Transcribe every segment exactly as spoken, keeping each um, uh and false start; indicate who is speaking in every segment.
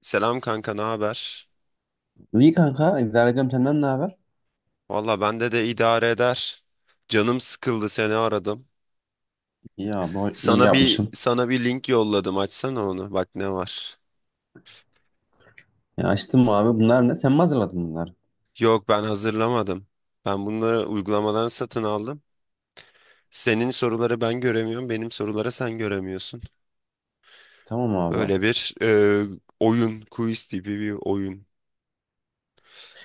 Speaker 1: Selam kanka, ne haber?
Speaker 2: İyi kanka, idare. Senden ne haber?
Speaker 1: Valla bende de idare eder. Canım sıkıldı seni aradım.
Speaker 2: İyi abi, iyi
Speaker 1: Sana bir
Speaker 2: yapmışsın.
Speaker 1: sana bir link yolladım. Açsana onu. Bak ne var.
Speaker 2: Ya açtım abi. Bunlar ne? Sen mi hazırladın bunları?
Speaker 1: Yok ben hazırlamadım. Ben bunları uygulamadan satın aldım. Senin soruları ben göremiyorum. Benim soruları sen göremiyorsun.
Speaker 2: Tamam abi.
Speaker 1: Böyle bir e, oyun, quiz tipi bir oyun.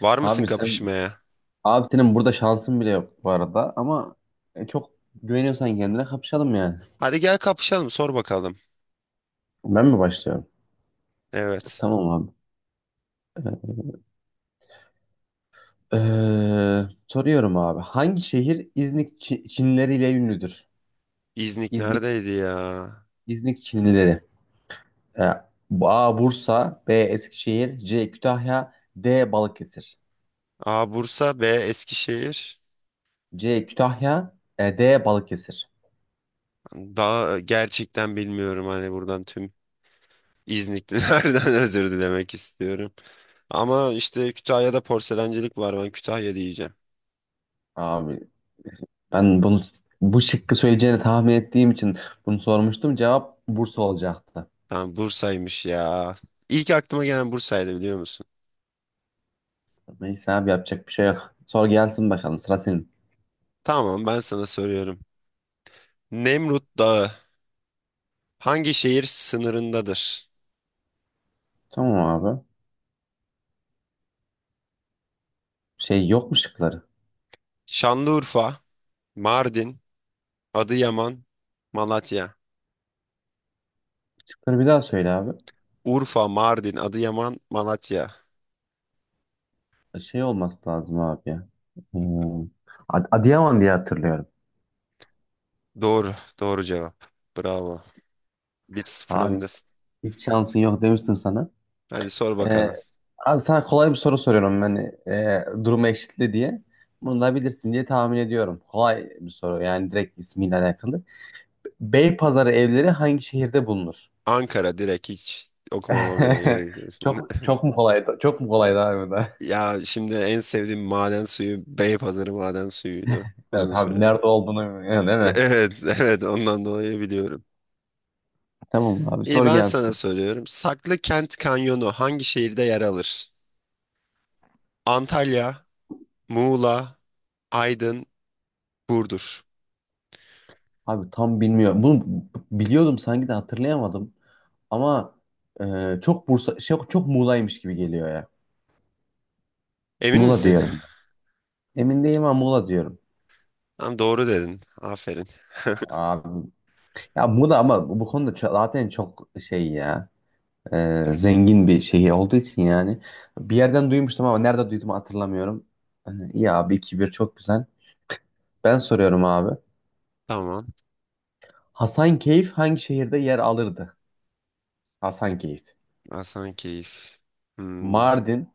Speaker 1: Var mısın
Speaker 2: Abi sen,
Speaker 1: kapışmaya?
Speaker 2: abi senin burada şansın bile yok bu arada ama e, çok güveniyorsan kendine kapışalım yani.
Speaker 1: Hadi gel kapışalım, sor bakalım.
Speaker 2: Ben mi başlıyorum?
Speaker 1: Evet.
Speaker 2: Tamam abi. Ee, soruyorum abi. Hangi şehir İznik Çi- Çinileriyle ünlüdür?
Speaker 1: İznik
Speaker 2: İznik.
Speaker 1: neredeydi ya?
Speaker 2: İznik Çinlileri. Ee, A. Bursa, B. Eskişehir, C. Kütahya, D. Balıkesir.
Speaker 1: A. Bursa, B. Eskişehir.
Speaker 2: C. Kütahya, e, D. Balıkesir.
Speaker 1: Daha e, gerçekten bilmiyorum hani buradan tüm İzniklilerden özür dilemek istiyorum. Ama işte Kütahya'da porselencilik var, ben Kütahya diyeceğim.
Speaker 2: Abi ben bunu, bu şıkkı söyleyeceğini tahmin ettiğim için bunu sormuştum. Cevap Bursa olacaktı.
Speaker 1: Tamam, Bursa'ymış ya. İlk aklıma gelen Bursa'ydı, biliyor musun?
Speaker 2: Neyse abi, yapacak bir şey yok. Sor gelsin bakalım, sıra senin.
Speaker 1: Tamam, ben sana soruyorum. Nemrut Dağı hangi şehir sınırındadır?
Speaker 2: Tamam abi. Şey, yok mu şıkları?
Speaker 1: Şanlıurfa, Mardin, Adıyaman, Malatya.
Speaker 2: Şıkları bir daha söyle abi.
Speaker 1: Urfa, Mardin, Adıyaman, Malatya.
Speaker 2: Şey olması lazım abi ya. Hmm. Ad- Adıyaman diye hatırlıyorum.
Speaker 1: Doğru, doğru cevap. Bravo. Bir sıfır
Speaker 2: Abi
Speaker 1: öndesin.
Speaker 2: hiç şansın yok demiştim sana.
Speaker 1: Hadi sor
Speaker 2: Ee,
Speaker 1: bakalım.
Speaker 2: Abi sana kolay bir soru soruyorum ben. Ee, durumu eşitli diye. Bunu da bilirsin diye tahmin ediyorum. Kolay bir soru, yani direkt ismiyle alakalı. Beypazarı evleri hangi şehirde bulunur?
Speaker 1: Ankara, direkt hiç okumama bile gerek yok. Şimdi-
Speaker 2: Çok, çok mu kolaydı? Çok mu kolaydı abi bu da?
Speaker 1: Ya şimdi en sevdiğim maden suyu Beypazarı maden suyuydu
Speaker 2: Evet
Speaker 1: uzun
Speaker 2: abi,
Speaker 1: sürede.
Speaker 2: nerede olduğunu bilmiyorum değil mi?
Speaker 1: Evet, evet, ondan dolayı biliyorum.
Speaker 2: Tamam abi,
Speaker 1: İyi,
Speaker 2: sor
Speaker 1: ben sana
Speaker 2: gelsin.
Speaker 1: soruyorum. Saklı Kent Kanyonu hangi şehirde yer alır? Antalya, Muğla, Aydın, Burdur.
Speaker 2: Abi tam bilmiyorum. Bunu biliyordum sanki de hatırlayamadım. Ama e, çok Bursa şey, çok Muğla'ymış gibi geliyor ya.
Speaker 1: Emin
Speaker 2: Muğla
Speaker 1: misin?
Speaker 2: diyorum. Emin değilim ama Muğla diyorum.
Speaker 1: Tamam, doğru dedin. Aferin.
Speaker 2: Abi ya, Muğla. Ama bu bu konuda ço- zaten çok şey ya. E, zengin bir şehir olduğu için yani. Bir yerden duymuştum ama nerede duydum hatırlamıyorum. Hani, iyi abi, iki bir çok güzel. Ben soruyorum abi.
Speaker 1: Tamam.
Speaker 2: Hasankeyf hangi şehirde yer alırdı? Hasankeyf.
Speaker 1: Hasankeyf. Hmm.
Speaker 2: Mardin,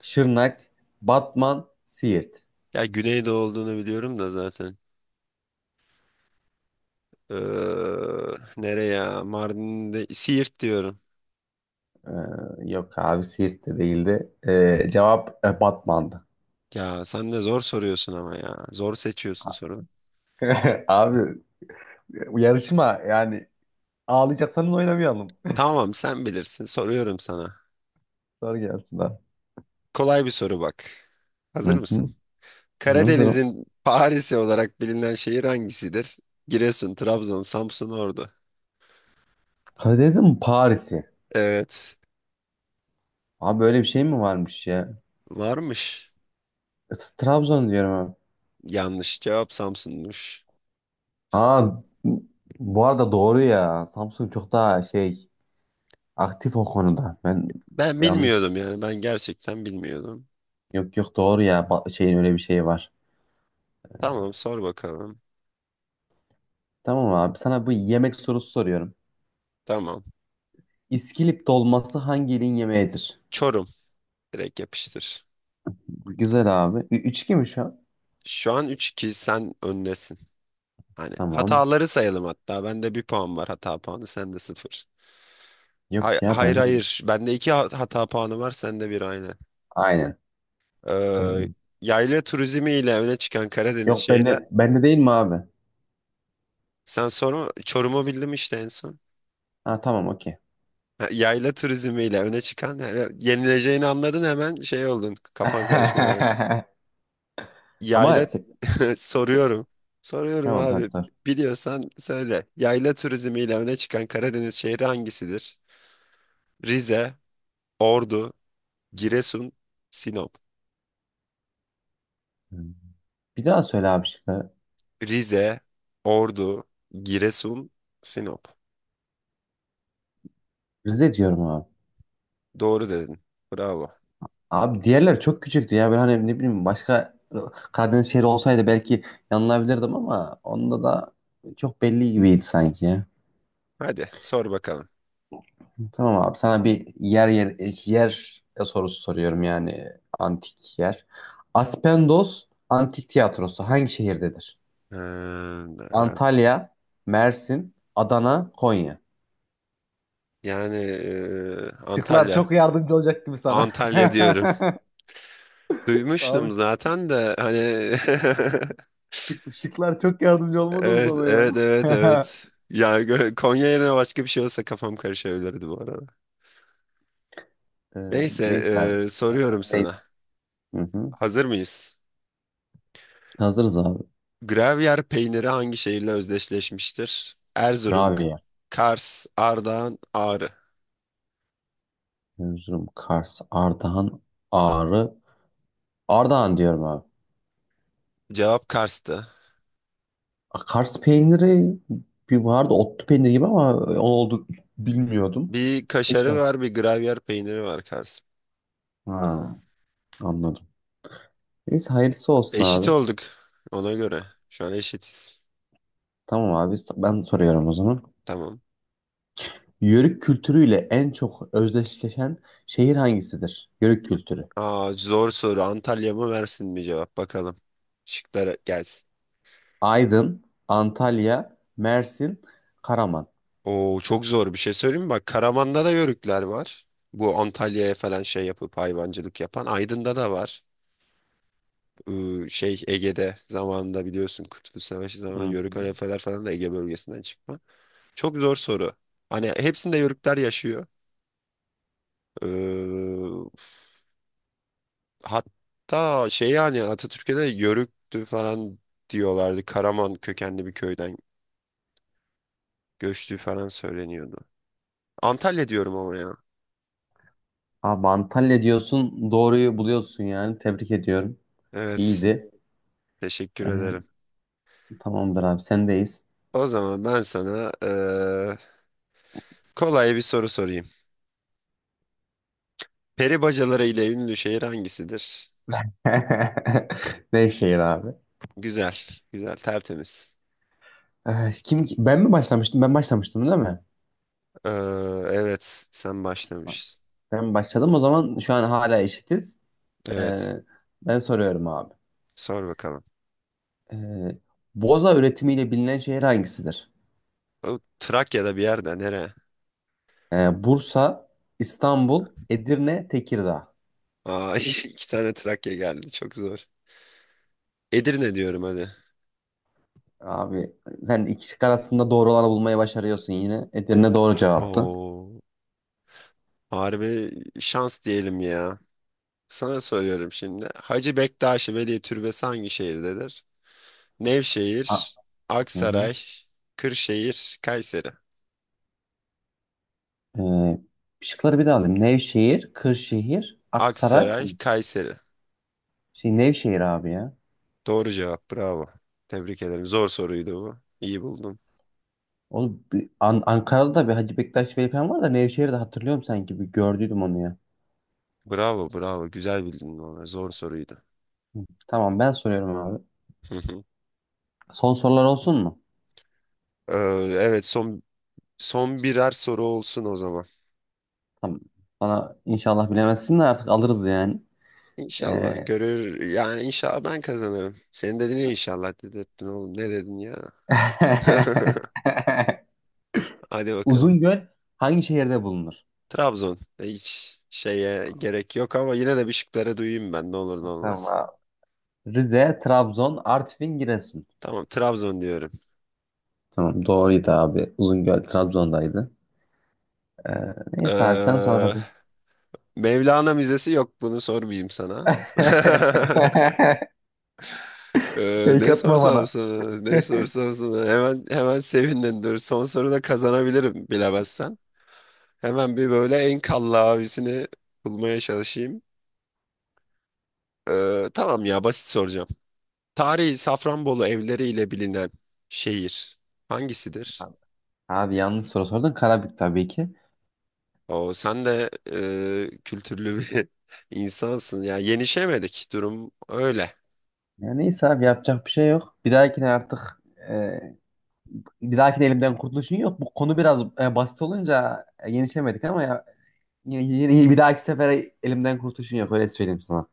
Speaker 2: Şırnak, Batman, Siirt.
Speaker 1: Ya Güneydoğu olduğunu biliyorum da zaten. Ee, nereye Mardin'de Siirt diyorum.
Speaker 2: Ee, Yok abi, Siirt de değildi. Ee, cevap e, Batman'dı.
Speaker 1: Ya sen de zor soruyorsun ama ya. Zor seçiyorsun sorunu.
Speaker 2: Abi, yarışma yani, ağlayacaksanız oynamayalım.
Speaker 1: Tamam, sen bilirsin. Soruyorum sana.
Speaker 2: Soru gelsin abi.
Speaker 1: Kolay bir soru bak. Hazır
Speaker 2: Hı
Speaker 1: mısın?
Speaker 2: hı. Hazırım.
Speaker 1: Karadeniz'in Paris'i olarak bilinen şehir hangisidir? Giresun, Trabzon, Samsun, Ordu.
Speaker 2: Karadeniz'in mi Paris'i?
Speaker 1: Evet.
Speaker 2: Abi böyle bir şey mi varmış ya?
Speaker 1: Varmış.
Speaker 2: E, Trabzon diyorum abi.
Speaker 1: Yanlış cevap, Samsun'muş.
Speaker 2: Aa, bu arada doğru ya. Samsung çok daha şey, aktif o konuda. Ben
Speaker 1: Ben
Speaker 2: yanlış.
Speaker 1: bilmiyordum yani. Ben gerçekten bilmiyordum.
Speaker 2: Yok yok, doğru ya. Ba- Şeyin öyle bir şeyi var.
Speaker 1: Tamam, sor bakalım.
Speaker 2: Tamam abi, sana bu yemek sorusu soruyorum.
Speaker 1: Tamam.
Speaker 2: İskilip dolması hangi ilin yemeğidir?
Speaker 1: Çorum. Direkt yapıştır.
Speaker 2: Güzel abi. Ü- Üç iki mi şu an?
Speaker 1: Şu an üç iki, sen öndesin. Hani
Speaker 2: Tamam.
Speaker 1: hataları sayalım hatta. Bende bir puan var hata puanı, sende sıfır. Hay-
Speaker 2: Yok ya,
Speaker 1: hayır,
Speaker 2: bende.
Speaker 1: hayır. Bende iki ha- hata puanı var, sende bir, aynı.
Speaker 2: Aynen.
Speaker 1: Ee,
Speaker 2: Ee,
Speaker 1: yayla turizmi ile öne çıkan Karadeniz
Speaker 2: Yok
Speaker 1: şehri.
Speaker 2: bende, bende değil mi abi?
Speaker 1: Sen sonra Çorum'u bildim işte en son.
Speaker 2: Ha, tamam, okey.
Speaker 1: Ha, yayla turizmi ile öne çıkan, yani yenileceğini anladın, hemen şey oldun. Kafan karışmaya bak.
Speaker 2: Ama
Speaker 1: Yayla
Speaker 2: se-
Speaker 1: soruyorum. Soruyorum
Speaker 2: tamam, hadi
Speaker 1: abi.
Speaker 2: sor.
Speaker 1: Biliyorsan söyle. Yayla turizmi ile öne çıkan Karadeniz şehri hangisidir? Rize, Ordu, Giresun, Sinop.
Speaker 2: Bir daha söyle abi şıkları.
Speaker 1: Rize, Ordu, Giresun, Sinop.
Speaker 2: Rize diyorum abi.
Speaker 1: Doğru dedin. Bravo.
Speaker 2: Abi diğerler çok küçüktü ya. Ben hani ne bileyim, başka ıı, Karadeniz şehri olsaydı belki yanılabilirdim ama onda da çok belli gibiydi sanki ya.
Speaker 1: Hadi sor bakalım.
Speaker 2: Tamam abi, sana bir yer yer yer sorusu soruyorum yani, antik yer. Aspendos Antik Tiyatrosu hangi şehirdedir?
Speaker 1: Ee,
Speaker 2: Antalya, Mersin, Adana, Konya.
Speaker 1: yani e,
Speaker 2: Şıklar
Speaker 1: Antalya.
Speaker 2: çok yardımcı olacak gibi sana.
Speaker 1: Antalya diyorum.
Speaker 2: Abi,
Speaker 1: Duymuştum zaten de hani
Speaker 2: Şık- Şıklar çok yardımcı olmadınız
Speaker 1: evet,
Speaker 2: bana ya.
Speaker 1: evet, evet, evet. Ya gö- Konya yerine başka bir şey olsa kafam karışabilirdi bu arada.
Speaker 2: Ee,
Speaker 1: Neyse,
Speaker 2: Neyse abi.
Speaker 1: e, soruyorum
Speaker 2: Neyse.
Speaker 1: sana.
Speaker 2: Hı hı.
Speaker 1: Hazır mıyız?
Speaker 2: Hazırız abi.
Speaker 1: Gravyer peyniri hangi şehirle özdeşleşmiştir? Erzurum,
Speaker 2: Rabia.
Speaker 1: Kars, Ardahan, Ağrı.
Speaker 2: Erzurum, Kars, Ardahan, Ağrı. Ardahan diyorum abi.
Speaker 1: Cevap Kars'tı.
Speaker 2: A, Kars peyniri bir vardı, otlu peynir gibi, ama onu oldu bilmiyordum.
Speaker 1: Bir
Speaker 2: Peki.
Speaker 1: kaşarı var, bir gravyer peyniri var Kars.
Speaker 2: Ha, anladım. Neyse, hayırlısı olsun
Speaker 1: Eşit
Speaker 2: abi.
Speaker 1: olduk ona göre. Şu an eşitiz.
Speaker 2: Tamam abi, ben soruyorum o zaman.
Speaker 1: Tamam.
Speaker 2: Yörük kültürüyle en çok özdeşleşen şehir hangisidir? Yörük kültürü.
Speaker 1: Aa, zor soru. Antalya mı Mersin mi, cevap bakalım. Şıklara gelsin.
Speaker 2: Aydın, Antalya, Mersin, Karaman.
Speaker 1: Oo, çok zor bir şey söyleyeyim mi? Bak, Karaman'da da yörükler var. Bu Antalya'ya falan şey yapıp hayvancılık yapan. Aydın'da da var. Iı, şey Ege'de zamanında biliyorsun, Kurtuluş Savaşı
Speaker 2: Hı
Speaker 1: zamanında Yörük
Speaker 2: hı.
Speaker 1: halefeler falan da Ege bölgesinden çıkma. Çok zor soru. Hani hepsinde Yörükler yaşıyor. Iı, hatta şey yani Atatürk'e de Yörüktü falan diyorlardı. Karaman kökenli bir köyden göçtüğü falan söyleniyordu. Antalya diyorum ama ya.
Speaker 2: Abi Antalya diyorsun, doğruyu buluyorsun yani. Tebrik ediyorum.
Speaker 1: Evet.
Speaker 2: İyiydi.
Speaker 1: Teşekkür ederim.
Speaker 2: Ee, Tamamdır abi, sendeyiz.
Speaker 1: O zaman ben sana ıı, kolay bir soru sorayım. Peri bacaları ile ünlü şehir hangisidir?
Speaker 2: Nevşehir abi.
Speaker 1: Güzel, güzel, tertemiz.
Speaker 2: Ee, kim, ben mi başlamıştım? Ben başlamıştım değil mi?
Speaker 1: Ee, evet, sen başlamışsın.
Speaker 2: Ben başladım. O zaman şu an hala eşitiz.
Speaker 1: Evet,
Speaker 2: Ee, Ben soruyorum abi.
Speaker 1: sor bakalım.
Speaker 2: Ee, Boza üretimiyle bilinen şehir hangisidir?
Speaker 1: O Trakya'da bir yerde nere?
Speaker 2: Ee, Bursa, İstanbul, Edirne, Tekirdağ.
Speaker 1: Aa, iki tane Trakya geldi, çok zor. Edirne diyorum, hadi.
Speaker 2: Abi sen iki şık arasında doğru olanı bulmayı başarıyorsun yine. Edirne doğru cevaptı.
Speaker 1: Oo, harbi şans diyelim ya. Sana soruyorum şimdi. Hacı Bektaşi Veli Türbesi hangi şehirdedir?
Speaker 2: Ha,
Speaker 1: Nevşehir,
Speaker 2: hı hı.
Speaker 1: Aksaray, Kırşehir, Kayseri.
Speaker 2: Ee, Şıkları bir daha alayım. Nevşehir, Kırşehir, Aksaray.
Speaker 1: Aksaray, Kayseri.
Speaker 2: Şey, Nevşehir abi ya.
Speaker 1: Doğru cevap, bravo. Tebrik ederim. Zor soruydu bu. İyi buldun.
Speaker 2: Oğlum, bir- An- Ankara'da da bir Hacı Bektaş Veli falan var da Nevşehir'de hatırlıyorum sanki. Bir gördüydüm onu ya.
Speaker 1: Bravo, bravo. Güzel bildin onu. Zor soruydu.
Speaker 2: Hı. Tamam, ben soruyorum abi.
Speaker 1: Hı hı.
Speaker 2: Son sorular olsun mu?
Speaker 1: Ee, evet, son son birer soru olsun o zaman.
Speaker 2: Tamam. Bana inşallah bilemezsin de artık alırız yani.
Speaker 1: İnşallah
Speaker 2: Ee...
Speaker 1: görür. Yani inşallah ben kazanırım. Senin dedin ya, inşallah dedirttin oğlum. Ne dedin ya? Hadi bakalım.
Speaker 2: Uzungöl hangi şehirde bulunur?
Speaker 1: Trabzon. E, Hiç şeye gerek yok ama yine de bir şıkları duyayım ben. Ne olur ne olmaz.
Speaker 2: Tamam. Rize, Trabzon, Artvin, Giresun.
Speaker 1: Tamam, Trabzon diyorum.
Speaker 2: Tamam, doğruydu abi. Uzungöl Trabzon'daydı. Ee, Neyse abi, sen sor
Speaker 1: Ee,
Speaker 2: hadi.
Speaker 1: Mevlana Müzesi yok. Bunu sormayayım sana. Ee,
Speaker 2: Fake
Speaker 1: ne
Speaker 2: atma
Speaker 1: sorsam
Speaker 2: bana.
Speaker 1: sana, ne sorsam sana. Hemen hemen sevindin, dur. Son soruda kazanabilirim bilemezsen. Hemen bir böyle en kalla abisini bulmaya çalışayım. Ee, tamam ya, basit soracağım. Tarihi Safranbolu evleriyle bilinen şehir hangisidir?
Speaker 2: Abi yanlış soru sordun. Karabük tabii ki.
Speaker 1: O sen de e, kültürlü bir insansın. Ya yenişemedik, durum öyle.
Speaker 2: Ya neyse abi, yapacak bir şey yok. Bir dahakine artık, e, bir dahakine elimden kurtuluşun yok. Bu konu biraz e, basit olunca e, yenişemedik ama ya, yine, yine- bir dahaki sefere elimden kurtuluşun yok. Öyle söyleyeyim sana.